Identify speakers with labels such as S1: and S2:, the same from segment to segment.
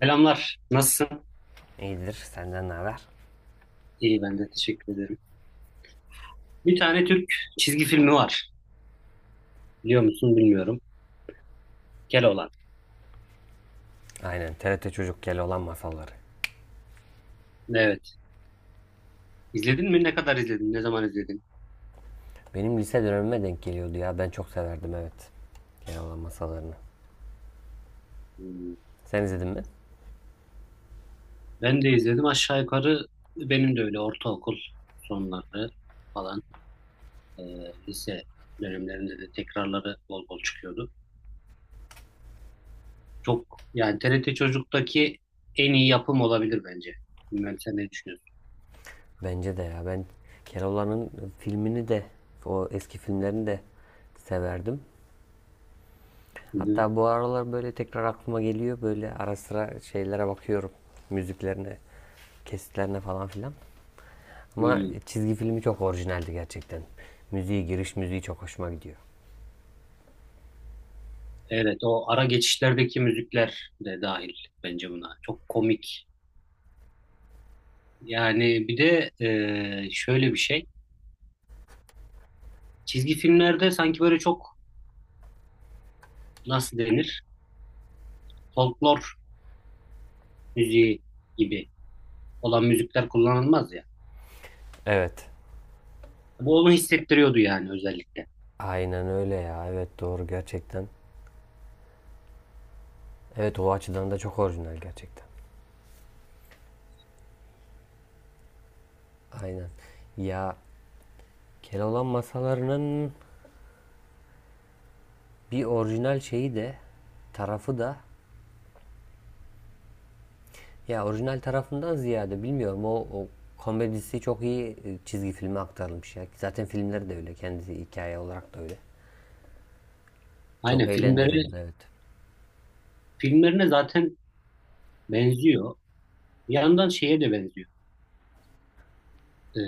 S1: Selamlar. Nasılsın?
S2: İyidir, senden ne haber?
S1: İyi ben de teşekkür ederim. Bir tane Türk çizgi filmi var. Biliyor musun bilmiyorum. Keloğlan.
S2: Aynen, TRT Çocuk Keloğlan masalları.
S1: Evet. İzledin mi? Ne kadar izledin? Ne zaman izledin?
S2: Benim lise dönemime denk geliyordu ya, ben çok severdim evet. Keloğlan masallarını.
S1: Hmm.
S2: Sen izledin mi?
S1: Ben de izledim. Aşağı yukarı benim de öyle ortaokul sonları falan. e, Lise dönemlerinde de tekrarları bol bol çıkıyordu. Çok yani TRT Çocuk'taki en iyi yapım olabilir bence. Bilmem sen ne düşünüyorsun?
S2: Bence de ya, ben Keloğlan'ın filmini de, o eski filmlerini de severdim.
S1: Hı hı.
S2: Hatta bu aralar böyle tekrar aklıma geliyor, böyle ara sıra şeylere bakıyorum. Müziklerine, kesitlerine falan filan. Ama
S1: Hmm.
S2: çizgi filmi çok orijinaldi gerçekten. Müziği, giriş müziği çok hoşuma gidiyor.
S1: Evet, o ara geçişlerdeki müzikler de dahil bence buna. Çok komik. Yani bir de şöyle bir şey. Çizgi filmlerde sanki böyle çok nasıl denir? Folklor müziği gibi olan müzikler kullanılmaz ya.
S2: Evet,
S1: Bu onu hissettiriyordu yani özellikle.
S2: aynen öyle ya. Evet, doğru gerçekten. Evet, o açıdan da çok orijinal gerçekten. Aynen. Ya, Keloğlan masalarının bir orijinal şeyi de tarafı da ya orijinal tarafından ziyade bilmiyorum o komedisi çok iyi çizgi filme aktarılmış ya. Zaten filmleri de öyle. Kendisi hikaye olarak da öyle. Çok
S1: Aynen filmleri
S2: eğlendiriyordu evet.
S1: filmlerine zaten benziyor. Bir yandan şeye de benziyor. E,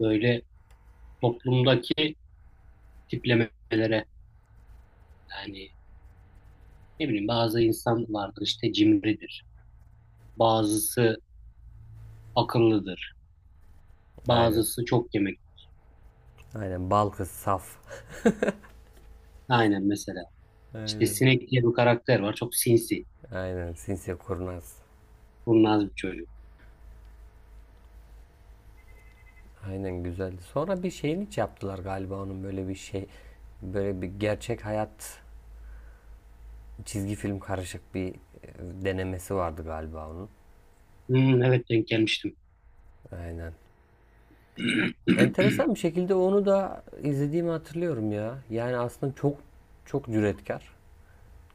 S1: Böyle toplumdaki tiplemelere yani ne bileyim bazı insan vardır işte cimridir. Bazısı akıllıdır.
S2: Aynen.
S1: Bazısı çok yemek.
S2: Aynen. Bal kız saf.
S1: Aynen mesela. İşte
S2: Aynen.
S1: Sinek diye bir karakter var. Çok sinsi.
S2: Aynen. Sinsi kurnaz.
S1: Kurnaz bir çocuk.
S2: Aynen, güzeldi. Sonra bir şeyini yaptılar galiba onun, böyle bir şey, böyle bir gerçek hayat çizgi film karışık bir denemesi vardı galiba onun.
S1: Hmm, evet denk gelmiştim.
S2: Aynen. Enteresan bir şekilde onu da izlediğimi hatırlıyorum ya. Yani aslında çok çok cüretkar,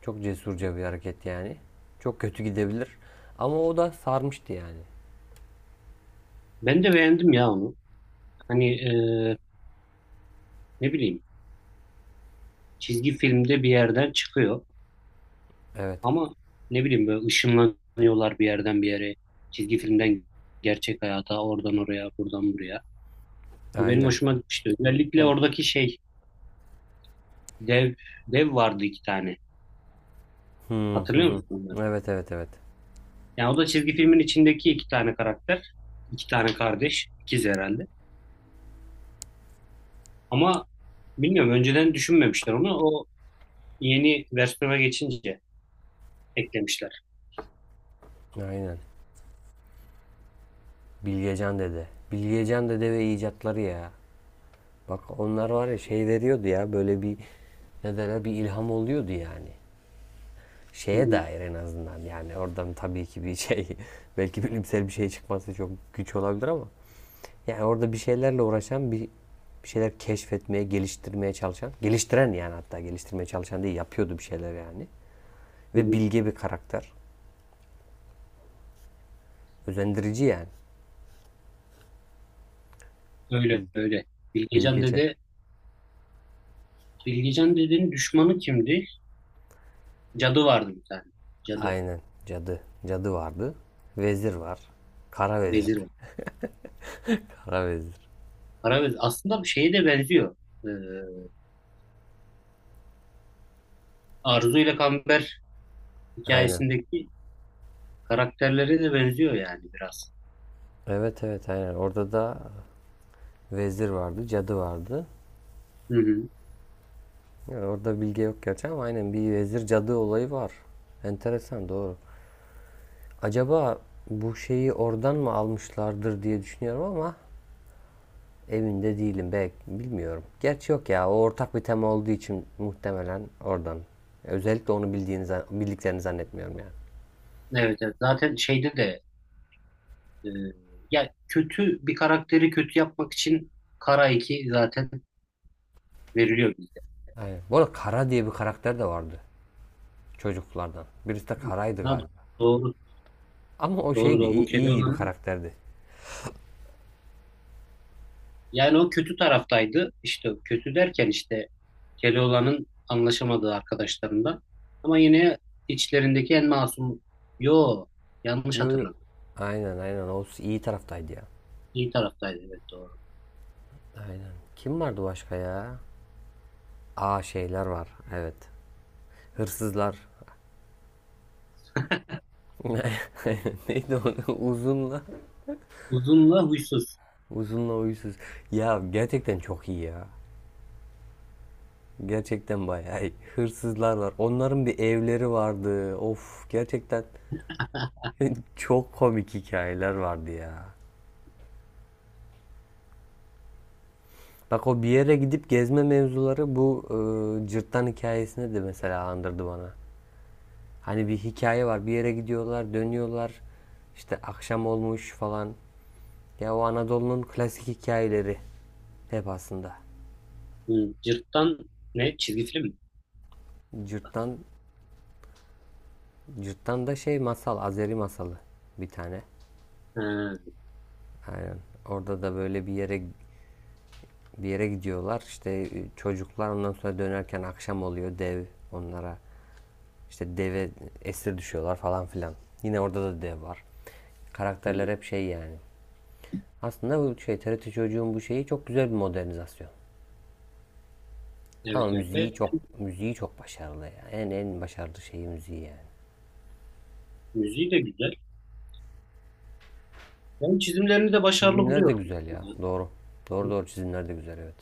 S2: çok cesurca bir hareket yani. Çok kötü gidebilir ama o da sarmıştı yani.
S1: Ben de beğendim ya onu. Hani ne bileyim çizgi filmde bir yerden çıkıyor
S2: Evet.
S1: ama ne bileyim böyle ışınlanıyorlar bir yerden bir yere. Çizgi filmden gerçek hayata oradan oraya buradan buraya. O benim
S2: Aynen.
S1: hoşuma gitmişti. Özellikle
S2: Hani.
S1: oradaki şey dev dev vardı iki tane.
S2: Hı hı
S1: Hatırlıyor
S2: hı.
S1: musun onları?
S2: Evet, evet, evet.
S1: Yani o da çizgi filmin içindeki iki tane karakter. İki tane kardeş. İkiz herhalde. Ama bilmiyorum önceden düşünmemişler onu. O yeni versiyona geçince eklemişler.
S2: Aynen. Bilgecan Dede. Bilgecan Dede ve icatları ya. Bak, onlar var ya, şey veriyordu ya, böyle bir ne derler, bir ilham oluyordu yani.
S1: Hı
S2: Şeye
S1: hı,
S2: dair en azından yani, oradan tabii ki bir şey belki bilimsel bir şey çıkması çok güç olabilir ama yani orada bir şeylerle uğraşan bir şeyler keşfetmeye, geliştirmeye çalışan, geliştiren, yani hatta geliştirmeye çalışan değil, yapıyordu bir şeyler yani.
S1: hı
S2: Ve
S1: hı.
S2: bilge bir karakter. Özendirici yani.
S1: Öyle
S2: Bil-
S1: öyle. Bilgecan
S2: Bilgece.
S1: dede Bilgecan dedenin düşmanı kimdi? Cadı vardı bir tane. Cadı.
S2: Aynen. Cadı. Cadı vardı. Vezir var. Kara vezir.
S1: Vezir var.
S2: Kara vezir.
S1: Kara vezir. Aslında bu şeye de benziyor. Ee, Arzu ile Kamber
S2: Aynen.
S1: hikayesindeki karakterlere de benziyor yani biraz.
S2: Evet, evet, aynen. Orada da vezir vardı, cadı vardı.
S1: Hı hı.
S2: Yani orada bilgi yok gerçi ama aynen bir vezir cadı olayı var. Enteresan, doğru. Acaba bu şeyi oradan mı almışlardır diye düşünüyorum ama emin de değilim, belki bilmiyorum. Gerçi yok ya, o ortak bir tema olduğu için muhtemelen oradan. Özellikle onu bildiğini bildiklerini zannetmiyorum yani.
S1: Evet, evet. Zaten şeyde de Ee, ya kötü bir karakteri kötü yapmak için kara 2 zaten veriliyor bizde.
S2: Aynen. Bu arada Kara diye bir karakter de vardı çocuklardan. Birisi de Kara'ydı
S1: Ha,
S2: galiba.
S1: doğru
S2: Ama o
S1: doğru
S2: şeydi,
S1: doğru bu
S2: iyi bir
S1: Keloğlan'ın
S2: karakterdi.
S1: yani o kötü taraftaydı. İşte kötü derken işte Keloğlan'ın anlaşamadığı arkadaşlarından. Ama yine içlerindeki en masum yo yanlış
S2: Yo, yo.
S1: hatırladım.
S2: Aynen, aynen. O iyi taraftaydı ya.
S1: İyi taraftaydı evet doğru.
S2: Aynen. Kim vardı başka ya? Aa, şeyler var. Evet. Hırsızlar. Neydi o? Uzunla.
S1: Uzunla huysuz.
S2: Uysuz. Ya, gerçekten çok iyi ya. Gerçekten bayağı iyi. Hırsızlar var. Onların bir evleri vardı. Of, gerçekten çok komik hikayeler vardı ya. Bak, o bir yere gidip gezme mevzuları bu cırttan hikayesine de mesela andırdı bana. Hani bir hikaye var. Bir yere gidiyorlar, dönüyorlar. İşte akşam olmuş falan. Ya, o Anadolu'nun klasik hikayeleri hep aslında.
S1: Hı, Cırttan ne? Çizgi film mi?
S2: Cırt'tan, Cırt'tan şey masal, Azeri masalı bir tane.
S1: Ha,
S2: Aynen. Orada da böyle bir yere gidiyorlar. İşte çocuklar ondan sonra dönerken akşam oluyor, dev onlara. İşte deve esir düşüyorlar falan filan. Yine orada da dev var. Karakterler
S1: hı.
S2: hep şey yani. Aslında bu şey, TRT çocuğun bu şeyi çok güzel bir modernizasyon.
S1: Evet
S2: Ama
S1: evet.
S2: müziği
S1: Evet.
S2: çok, müziği çok başarılı ya. En başarılı şeyi müziği yani.
S1: Müziği de güzel. Ben çizimlerini de başarılı
S2: Çizimler de
S1: buluyorum.
S2: güzel ya. Doğru. Doğru, doğru, çizimler de güzel, evet.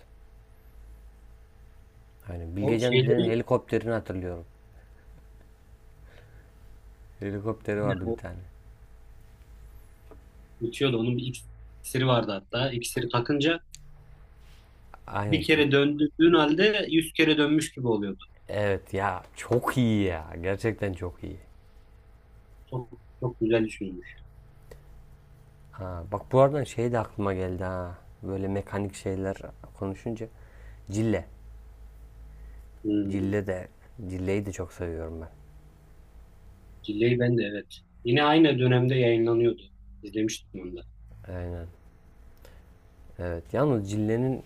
S2: Aynen.
S1: O
S2: Bilgecan dedenin
S1: şeyleri
S2: helikopterini hatırlıyorum. Helikopteri vardı bir
S1: o
S2: tane.
S1: uçuyordu. Onun bir iksiri vardı hatta. İksiri takınca bir
S2: Aynen.
S1: kere döndüğün halde yüz kere dönmüş gibi oluyordu.
S2: Evet ya, çok iyi ya. Gerçekten çok iyi.
S1: Çok, çok güzel düşünmüş.
S2: Ha, bak, bu arada şey de aklıma geldi ha. Böyle mekanik şeyler konuşunca. Cille.
S1: Hmm.
S2: Cille de. Cille'yi de çok seviyorum ben.
S1: Cilleyi ben de evet. Yine aynı dönemde yayınlanıyordu. İzlemiştim onu da.
S2: Aynen. Evet. Yalnız Cille'nin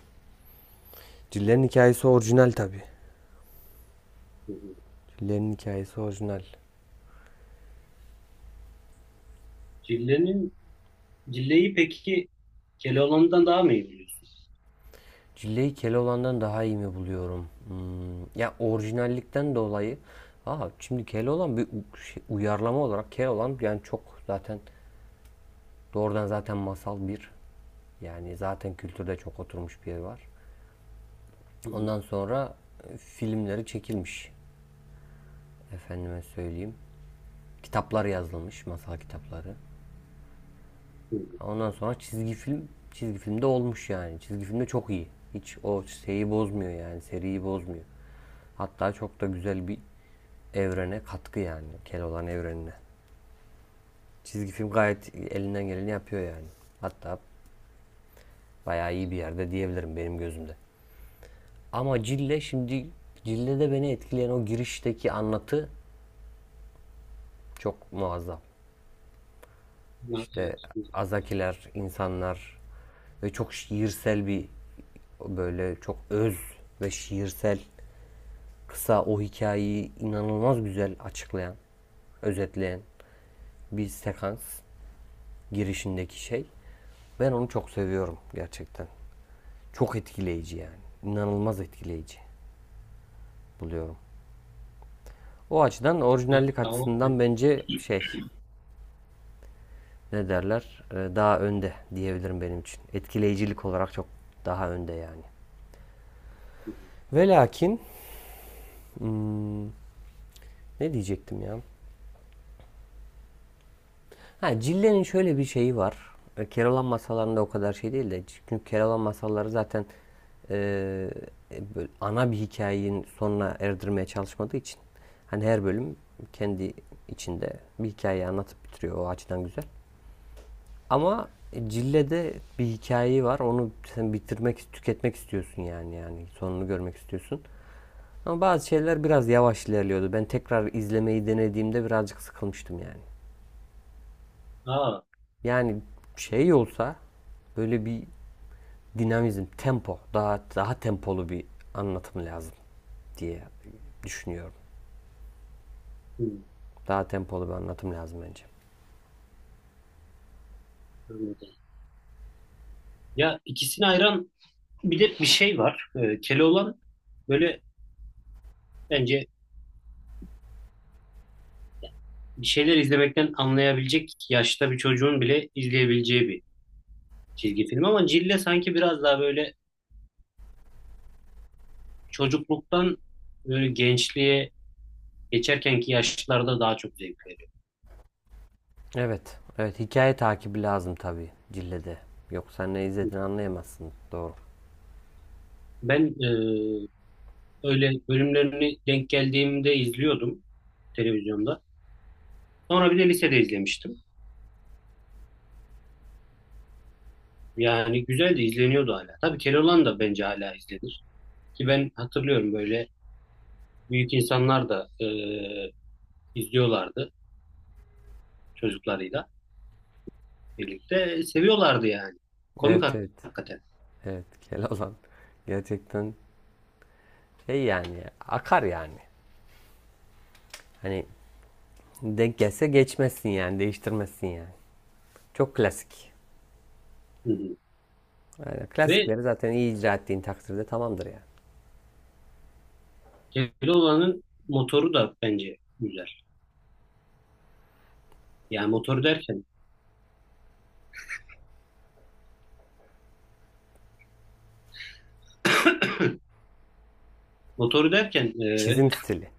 S2: Cille'nin hikayesi orijinal tabii.
S1: Hı hı.
S2: Cille'nin hikayesi orijinal.
S1: Cillenin, Cilleyi peki Keloğlan'dan daha mı iyi biliyorsun?
S2: Cilleyi Keloğlan'dan daha iyi mi buluyorum? Hmm, ya orijinallikten dolayı. Aa, şimdi Keloğlan bir uyarlama olarak Keloğlan, yani çok zaten doğrudan zaten masal bir. Yani zaten kültürde çok oturmuş bir yer var.
S1: Hı hı.
S2: Ondan sonra filmleri çekilmiş. Efendime söyleyeyim. Kitaplar yazılmış, masal kitapları.
S1: Hı hı.
S2: Ondan sonra çizgi film, çizgi filmde olmuş yani. Çizgi filmde çok iyi. Hiç o şeyi bozmuyor yani, seriyi bozmuyor. Hatta çok da güzel bir evrene katkı yani. Keloğlan evrenine. Çizgi film gayet elinden geleni yapıyor yani. Hatta bayağı iyi bir yerde diyebilirim benim gözümde. Ama Cille şimdi, Cille'de beni etkileyen o girişteki anlatı çok muazzam.
S1: Ya,
S2: İşte
S1: evet. Hı hı.
S2: azakiler, insanlar ve çok şiirsel bir, böyle çok öz ve şiirsel, kısa o hikayeyi inanılmaz güzel açıklayan, özetleyen bir sekans girişindeki şey. Ben onu çok seviyorum gerçekten. Çok etkileyici yani. İnanılmaz etkileyici buluyorum. O açıdan
S1: Ya,
S2: orijinallik
S1: o... Hı
S2: açısından bence şey, ne derler, daha önde diyebilirim benim için. Etkileyicilik olarak çok daha önde yani.
S1: hı.
S2: Ve lakin ne diyecektim ya? Ha, Cille'nin şöyle bir şeyi var. Keloğlan masallarında o kadar şey değil de, çünkü Keloğlan masalları zaten e, böyle ana bir hikayenin sonuna erdirmeye çalışmadığı için hani her bölüm kendi içinde bir hikayeyi anlatıp bitiriyor, o açıdan güzel. Ama Cille'de bir hikayeyi var. Onu sen bitirmek, tüketmek istiyorsun yani sonunu görmek istiyorsun. Ama bazı şeyler biraz yavaş ilerliyordu. Ben tekrar izlemeyi denediğimde birazcık sıkılmıştım yani.
S1: Aa,
S2: Yani şey olsa, böyle bir dinamizm, tempo, daha tempolu bir anlatım lazım diye düşünüyorum.
S1: hı. Hı.
S2: Daha tempolu bir anlatım lazım bence.
S1: Anladım. Ya ikisini ayıran bir de bir şey var. Keloğlan böyle bence bir şeyler izlemekten anlayabilecek yaşta bir çocuğun bile izleyebileceği bir çizgi film. Ama Cille sanki biraz daha böyle çocukluktan böyle gençliğe geçerkenki yaşlarda daha çok zevk veriyor.
S2: Evet, evet, hikaye takibi lazım tabii Cille'de. Yoksa ne izlediğini anlayamazsın. Doğru.
S1: Ben öyle bölümlerini denk geldiğimde izliyordum televizyonda. Sonra bir de lisede izlemiştim. Yani güzel de izleniyordu hala. Tabii Keloğlan da bence hala izlenir. Ki ben hatırlıyorum böyle büyük insanlar da izliyorlardı çocuklarıyla birlikte. Seviyorlardı yani. Komik
S2: Evet, evet.
S1: hakikaten.
S2: Evet, Keloğlan gerçekten şey yani, akar yani. Hani denk gelse geçmezsin yani, değiştirmezsin yani. Çok klasik.
S1: Hı hı.
S2: Yani
S1: Ve
S2: klasikleri zaten iyi icra ettiğin takdirde tamamdır yani.
S1: Keloğlan'ın motoru da bence güzel. Yani motoru derken motoru derken
S2: Çizim stili.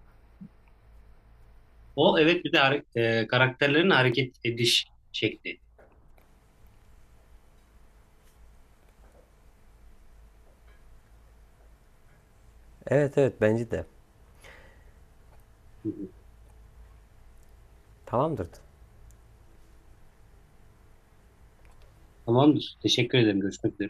S1: o evet bir de karakterlerin hareket ediş şekli.
S2: Evet, evet, bence de.
S1: Hı hı.
S2: Tamamdır.
S1: Tamamdır. Teşekkür ederim. Görüşmek üzere.